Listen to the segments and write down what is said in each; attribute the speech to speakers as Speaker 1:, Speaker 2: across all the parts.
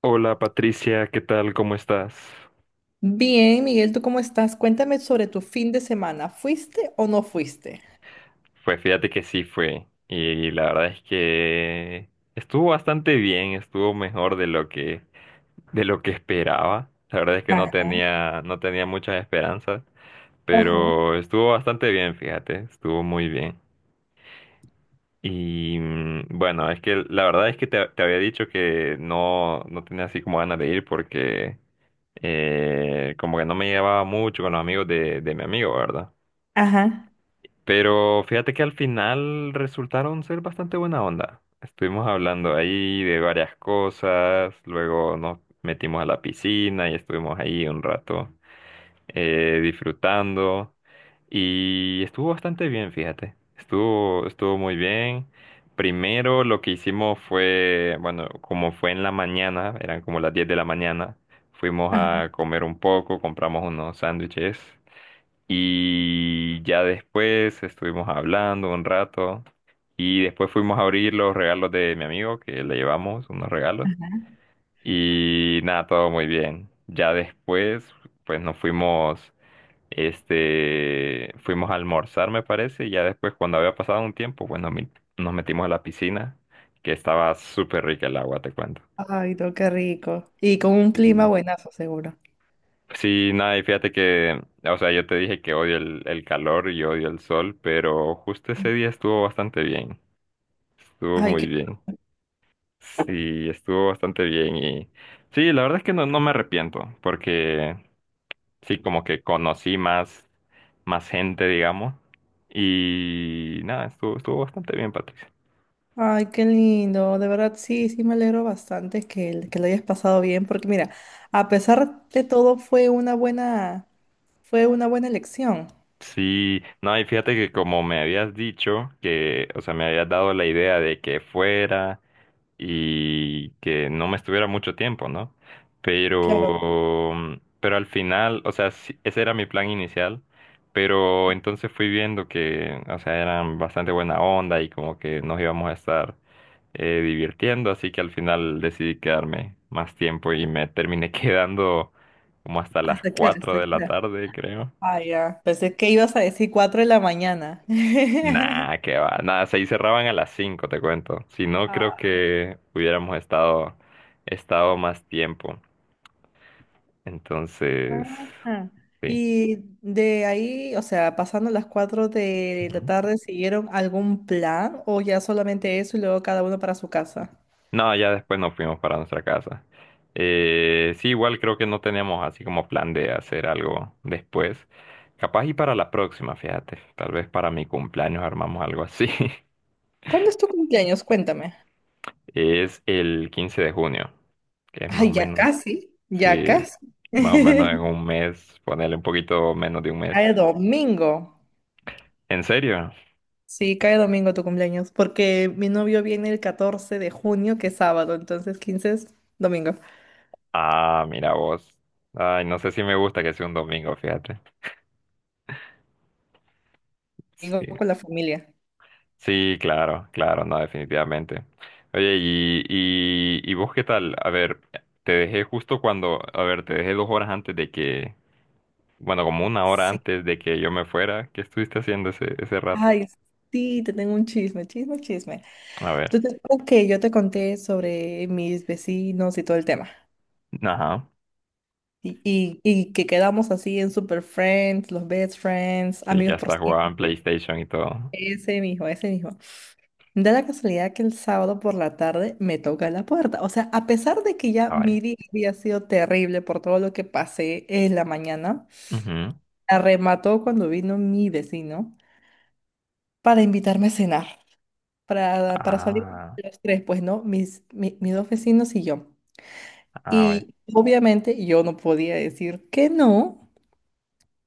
Speaker 1: Hola Patricia, ¿qué tal? ¿Cómo estás?
Speaker 2: Bien, Miguel, ¿tú cómo estás? Cuéntame sobre tu fin de semana. ¿Fuiste o no fuiste?
Speaker 1: Pues fíjate que sí fue. Y la verdad es que estuvo bastante bien, estuvo mejor de lo que esperaba. La verdad es que no
Speaker 2: Ah,
Speaker 1: tenía, no tenía muchas esperanzas,
Speaker 2: ajá,
Speaker 1: pero estuvo bastante bien, fíjate, estuvo muy bien. Y bueno, es que la verdad es que te había dicho que no tenía así como ganas de ir porque como que no me llevaba mucho con los amigos de mi amigo, ¿verdad?
Speaker 2: ajá,
Speaker 1: Pero fíjate que al final resultaron ser bastante buena onda. Estuvimos hablando ahí de varias cosas, luego nos metimos a la piscina y estuvimos ahí un rato disfrutando, y estuvo bastante bien, fíjate. Estuvo muy bien. Primero lo que hicimos fue, bueno, como fue en la mañana, eran como las 10 de la mañana, fuimos
Speaker 2: ajá.
Speaker 1: a comer un poco, compramos unos sándwiches y ya después estuvimos hablando un rato y después fuimos a abrir los regalos de mi amigo, que le llevamos unos regalos, y nada, todo muy bien. Ya después pues nos fuimos, fuimos a almorzar, me parece, y ya después, cuando había pasado un tiempo, pues nos metimos a la piscina, que estaba súper rica el agua, te cuento.
Speaker 2: Ay, no, qué rico. Y con un clima
Speaker 1: Sí.
Speaker 2: buenazo, seguro.
Speaker 1: Sí, nada, y fíjate que, o sea, yo te dije que odio el calor y odio el sol, pero justo ese día estuvo bastante bien, estuvo
Speaker 2: Ay,
Speaker 1: muy
Speaker 2: qué,
Speaker 1: bien, sí, estuvo bastante bien, y sí, la verdad es que no me arrepiento, porque sí, como que conocí más gente, digamos, y nada, estuvo bastante bien, Patricia.
Speaker 2: Ay, qué lindo. De verdad, sí, sí, me alegro bastante que, que lo hayas pasado bien, porque mira, a pesar de todo, fue una buena elección.
Speaker 1: Sí, no, y fíjate que, como me habías dicho que, o sea, me habías dado la idea de que fuera y que no me estuviera mucho tiempo, ¿no?
Speaker 2: Claro.
Speaker 1: Pero al final, o sea, sí, ese era mi plan inicial, pero entonces fui viendo que, o sea, eran bastante buena onda y como que nos íbamos a estar divirtiendo, así que al final decidí quedarme más tiempo y me terminé quedando como hasta las
Speaker 2: ¿Hasta qué hora?
Speaker 1: 4
Speaker 2: ¿Hasta
Speaker 1: de
Speaker 2: qué
Speaker 1: la
Speaker 2: hora?
Speaker 1: tarde, creo.
Speaker 2: Ah, ya. Pensé que ibas a decir 4 de la mañana.
Speaker 1: Nah, que va. Nada, se cerraban a las 5, te cuento. Si no, creo que hubiéramos estado más tiempo. Entonces,
Speaker 2: Ajá.
Speaker 1: sí.
Speaker 2: Y de ahí, o sea, pasando las 4 de la
Speaker 1: Ujú.
Speaker 2: tarde, ¿siguieron algún plan o ya solamente eso y luego cada uno para su casa?
Speaker 1: No, ya después nos fuimos para nuestra casa. Sí, igual creo que no teníamos así como plan de hacer algo después. Capaz y para la próxima, fíjate. Tal vez para mi cumpleaños armamos algo así.
Speaker 2: ¿Cuándo es tu cumpleaños? Cuéntame.
Speaker 1: Es el 15 de junio, que es más o
Speaker 2: Ay, ya
Speaker 1: menos,
Speaker 2: casi, ya
Speaker 1: sí,
Speaker 2: casi.
Speaker 1: más o menos en un mes, ponerle un poquito menos de un mes.
Speaker 2: Cae domingo.
Speaker 1: ¿En serio?
Speaker 2: Sí, cae domingo tu cumpleaños, porque mi novio viene el 14 de junio, que es sábado, entonces 15 es domingo.
Speaker 1: Ah, mira vos. Ay, no sé si me gusta que sea un domingo, fíjate. Sí.
Speaker 2: Domingo con la familia.
Speaker 1: Sí, claro, claro, no, definitivamente. Oye, y vos qué tal? A ver, te dejé justo cuando, a ver, te dejé 2 horas antes de que, bueno, como una hora
Speaker 2: Sí.
Speaker 1: antes de que yo me fuera. ¿Qué estuviste haciendo ese rato?
Speaker 2: Ay, sí, te tengo un chisme, chisme, chisme.
Speaker 1: A ver,
Speaker 2: Entonces, creo que yo te conté sobre mis vecinos y todo el tema.
Speaker 1: ajá,
Speaker 2: Y que quedamos así en super friends, los best friends,
Speaker 1: sí, que
Speaker 2: amigos por
Speaker 1: hasta jugaban
Speaker 2: siempre.
Speaker 1: PlayStation y todo.
Speaker 2: Ese mismo, ese mismo. Da la casualidad que el sábado por la tarde me toca la puerta. O sea, a pesar de que ya
Speaker 1: Ah, vaya.
Speaker 2: mi día había sido terrible por todo lo que pasé en la mañana,
Speaker 1: Ujú.
Speaker 2: arremató cuando vino mi vecino para invitarme a cenar, para salir
Speaker 1: Ah,
Speaker 2: los tres, pues, ¿no? Mis dos vecinos y yo.
Speaker 1: ah, vaya,
Speaker 2: Y obviamente yo no podía decir que no,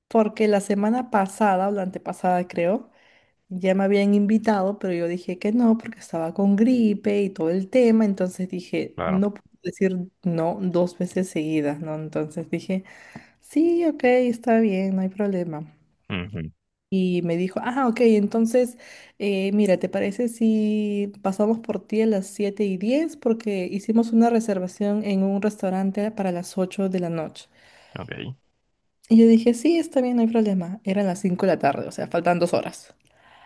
Speaker 2: porque la semana pasada o la antepasada creo, ya me habían invitado, pero yo dije que no porque estaba con gripe y todo el tema, entonces dije,
Speaker 1: claro.
Speaker 2: no puedo decir no dos veces seguidas, ¿no? Entonces dije, sí, ok, está bien, no hay problema.
Speaker 1: Ujú.
Speaker 2: Y me dijo, ah, ok, entonces, mira, ¿te parece si pasamos por ti a las 7:10? Porque hicimos una reservación en un restaurante para las 8 de la noche.
Speaker 1: Ok,
Speaker 2: Y yo dije, sí, está bien, no hay problema. Eran las 5 de la tarde, o sea, faltan 2 horas.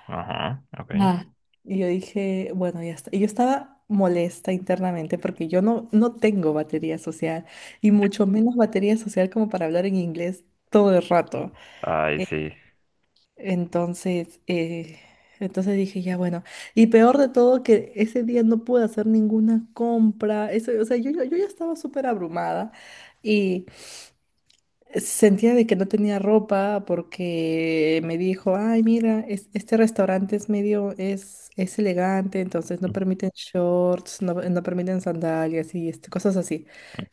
Speaker 1: ajá, ok.
Speaker 2: Ah, y yo dije, bueno, ya está. Y yo estaba molesta internamente porque yo no, no tengo batería social y mucho menos batería social como para hablar en inglés todo el rato.
Speaker 1: Ay,
Speaker 2: Eh,
Speaker 1: sí.
Speaker 2: Entonces, eh, entonces, dije, ya bueno. Y peor de todo que ese día no pude hacer ninguna compra. Eso, o sea, yo ya estaba súper abrumada. Sentía de que no tenía ropa porque me dijo, ay, mira, este restaurante es medio, es elegante, entonces no
Speaker 1: Ujú.
Speaker 2: permiten shorts, no, no permiten sandalias y este, cosas así.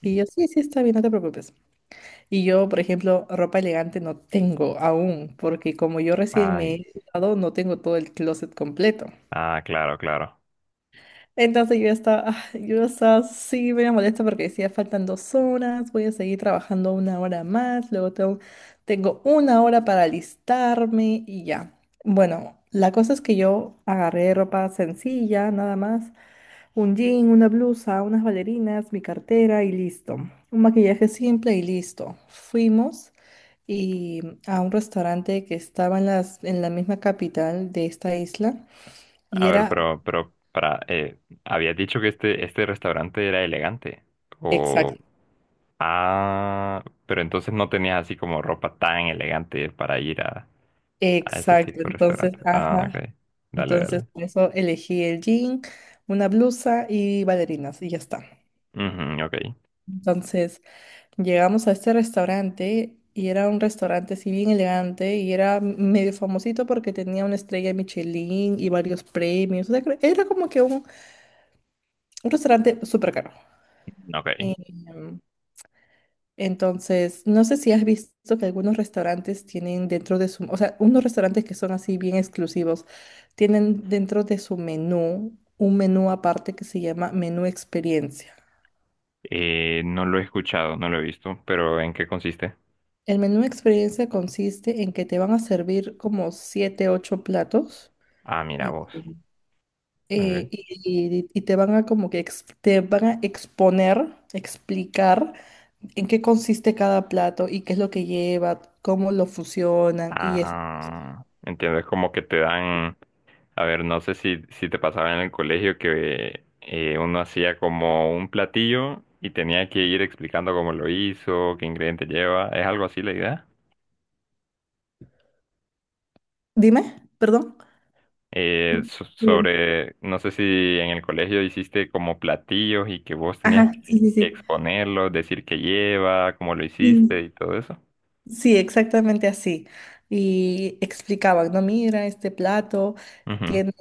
Speaker 2: Y yo, sí, sí, está bien, no te preocupes. Y yo, por ejemplo, ropa elegante no tengo aún, porque como yo recién me
Speaker 1: Ay,
Speaker 2: he mudado, no tengo todo el closet completo.
Speaker 1: ah, claro, claro.
Speaker 2: Entonces yo estaba, yo estaba así, me molesta porque decía faltan 2 horas, voy a seguir trabajando una hora más, luego tengo una hora para alistarme y ya. Bueno, la cosa es que yo agarré ropa sencilla, nada más, un jean, una blusa, unas bailarinas, mi cartera y listo. Un maquillaje simple y listo. Fuimos y a un restaurante que estaba en las, en la misma capital de esta isla y
Speaker 1: A ver,
Speaker 2: era.
Speaker 1: pero, para, habías dicho que este restaurante era elegante. O, ah, pero entonces no tenías así como ropa tan elegante para ir a ese
Speaker 2: Exacto,
Speaker 1: tipo de
Speaker 2: entonces,
Speaker 1: restaurante. Ah,
Speaker 2: ajá.
Speaker 1: ok. Dale,
Speaker 2: Entonces,
Speaker 1: dale.
Speaker 2: por eso elegí el jean, una blusa y bailarinas, y ya está.
Speaker 1: Ujú, ok,
Speaker 2: Entonces, llegamos a este restaurante y era un restaurante así bien elegante y era medio famosito porque tenía una estrella Michelin y varios premios. O sea, era como que un restaurante súper caro.
Speaker 1: ok.
Speaker 2: Entonces, no sé si has visto que algunos restaurantes tienen dentro de su, o sea, unos restaurantes que son así bien exclusivos, tienen dentro de su menú un menú aparte que se llama menú experiencia.
Speaker 1: No lo he escuchado, no lo he visto, pero ¿en qué consiste?
Speaker 2: El menú experiencia consiste en que te van a servir como siete, ocho platos,
Speaker 1: Ah, mira
Speaker 2: eh,
Speaker 1: vos. Ok.
Speaker 2: y te van a exponer, explicar en qué consiste cada plato y qué es lo que lleva, cómo lo fusionan y eso.
Speaker 1: Ah, entiendo. Es como que te dan, a ver, no sé si te pasaba en el colegio que uno hacía como un platillo y tenía que ir explicando cómo lo hizo, qué ingrediente lleva, ¿es algo así la idea?
Speaker 2: Dime, perdón.
Speaker 1: Eh, so-
Speaker 2: Muy bien.
Speaker 1: sobre, no sé si en el colegio hiciste como platillos y que, vos tenías
Speaker 2: Ajá, sí,
Speaker 1: que,
Speaker 2: sí,
Speaker 1: que
Speaker 2: sí.
Speaker 1: exponerlos, decir qué lleva, cómo lo hiciste
Speaker 2: Sí,
Speaker 1: y todo eso.
Speaker 2: sí, exactamente así. Y explicaban, no, mira, este plato
Speaker 1: Ujú.
Speaker 2: tiene,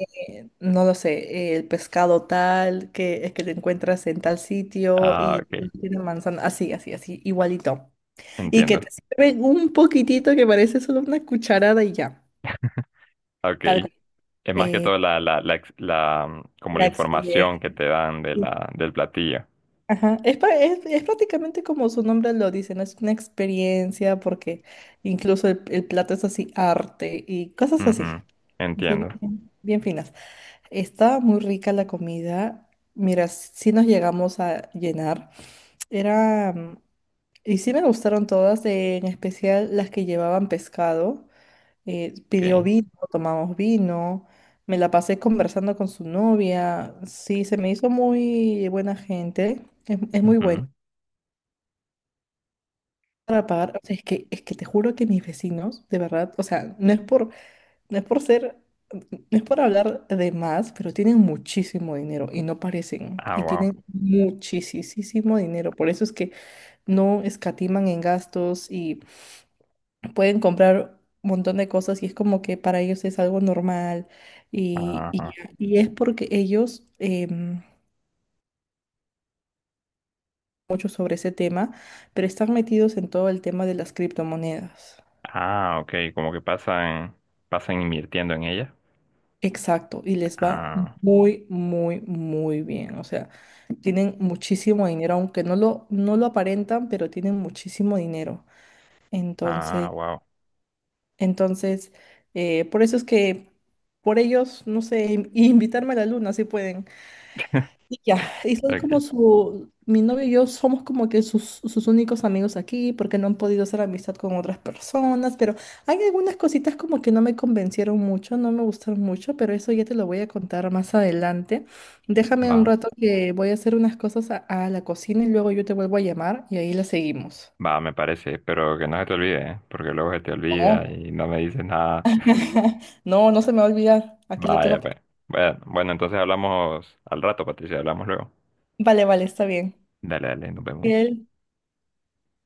Speaker 2: no lo sé, el pescado tal, que lo encuentras en tal sitio
Speaker 1: Ah,
Speaker 2: y no
Speaker 1: ok,
Speaker 2: tiene manzana, así, así, así, igualito. Y que
Speaker 1: entiendo.
Speaker 2: te sirven un poquitito que parece solo una cucharada y ya.
Speaker 1: Ok.
Speaker 2: Tal cual.
Speaker 1: Es más que
Speaker 2: Eh,
Speaker 1: todo como
Speaker 2: la
Speaker 1: la
Speaker 2: experiencia.
Speaker 1: información que te dan del platillo.
Speaker 2: Ajá, es prácticamente como su nombre lo dice, ¿no? Es una experiencia porque incluso el plato es así arte y cosas así,
Speaker 1: Ujú.
Speaker 2: así
Speaker 1: Entiendo.
Speaker 2: bien, bien finas. Estaba muy rica la comida, mira, sí nos llegamos a llenar. Era, mm, y sí me gustaron todas, en especial las que llevaban pescado. Pidió
Speaker 1: Okay.
Speaker 2: vino, tomamos vino, me la pasé conversando con su novia, sí, se me hizo muy buena gente, es muy buena.
Speaker 1: Ujú.
Speaker 2: Para O sea, es que, te juro que mis vecinos, de verdad, o sea, no es por ser, no es por hablar de más, pero tienen muchísimo dinero y no parecen.
Speaker 1: Ah,
Speaker 2: Y
Speaker 1: wow.
Speaker 2: tienen muchísimo dinero. Por eso es que no escatiman en gastos y pueden comprar un montón de cosas y es como que para ellos es algo normal. Y, y,
Speaker 1: Ajá.
Speaker 2: y es porque ellos, mucho sobre ese tema, pero están metidos en todo el tema de las criptomonedas.
Speaker 1: Ah, ok. Como que pasan invirtiendo en ella.
Speaker 2: Exacto, y les va
Speaker 1: Ah,
Speaker 2: muy, muy, muy bien. O sea, tienen muchísimo dinero, aunque no lo aparentan, pero tienen muchísimo dinero.
Speaker 1: ah,
Speaker 2: Entonces,
Speaker 1: wow.
Speaker 2: entonces, por eso es que por ellos, no sé, invitarme a la luna, si pueden. Y ya, y soy
Speaker 1: Okay.
Speaker 2: mi novio y yo somos como que sus únicos amigos aquí porque no han podido hacer amistad con otras personas, pero hay algunas cositas como que no me convencieron mucho, no me gustaron mucho, pero eso ya te lo voy a contar más adelante. Déjame un
Speaker 1: Va,
Speaker 2: rato que voy a hacer unas cosas a la cocina y luego yo te vuelvo a llamar y ahí la seguimos.
Speaker 1: va, me parece. Pero que no se te olvide, ¿eh? Porque luego se te olvida
Speaker 2: No,
Speaker 1: y no me dices nada.
Speaker 2: no, no se me va a olvidar, aquí lo tengo.
Speaker 1: Vaya, pues. Bueno, bueno, entonces hablamos al rato, Patricia. Hablamos luego.
Speaker 2: Vale, vale, está bien.
Speaker 1: Dale, dale, nos vemos.
Speaker 2: Bien.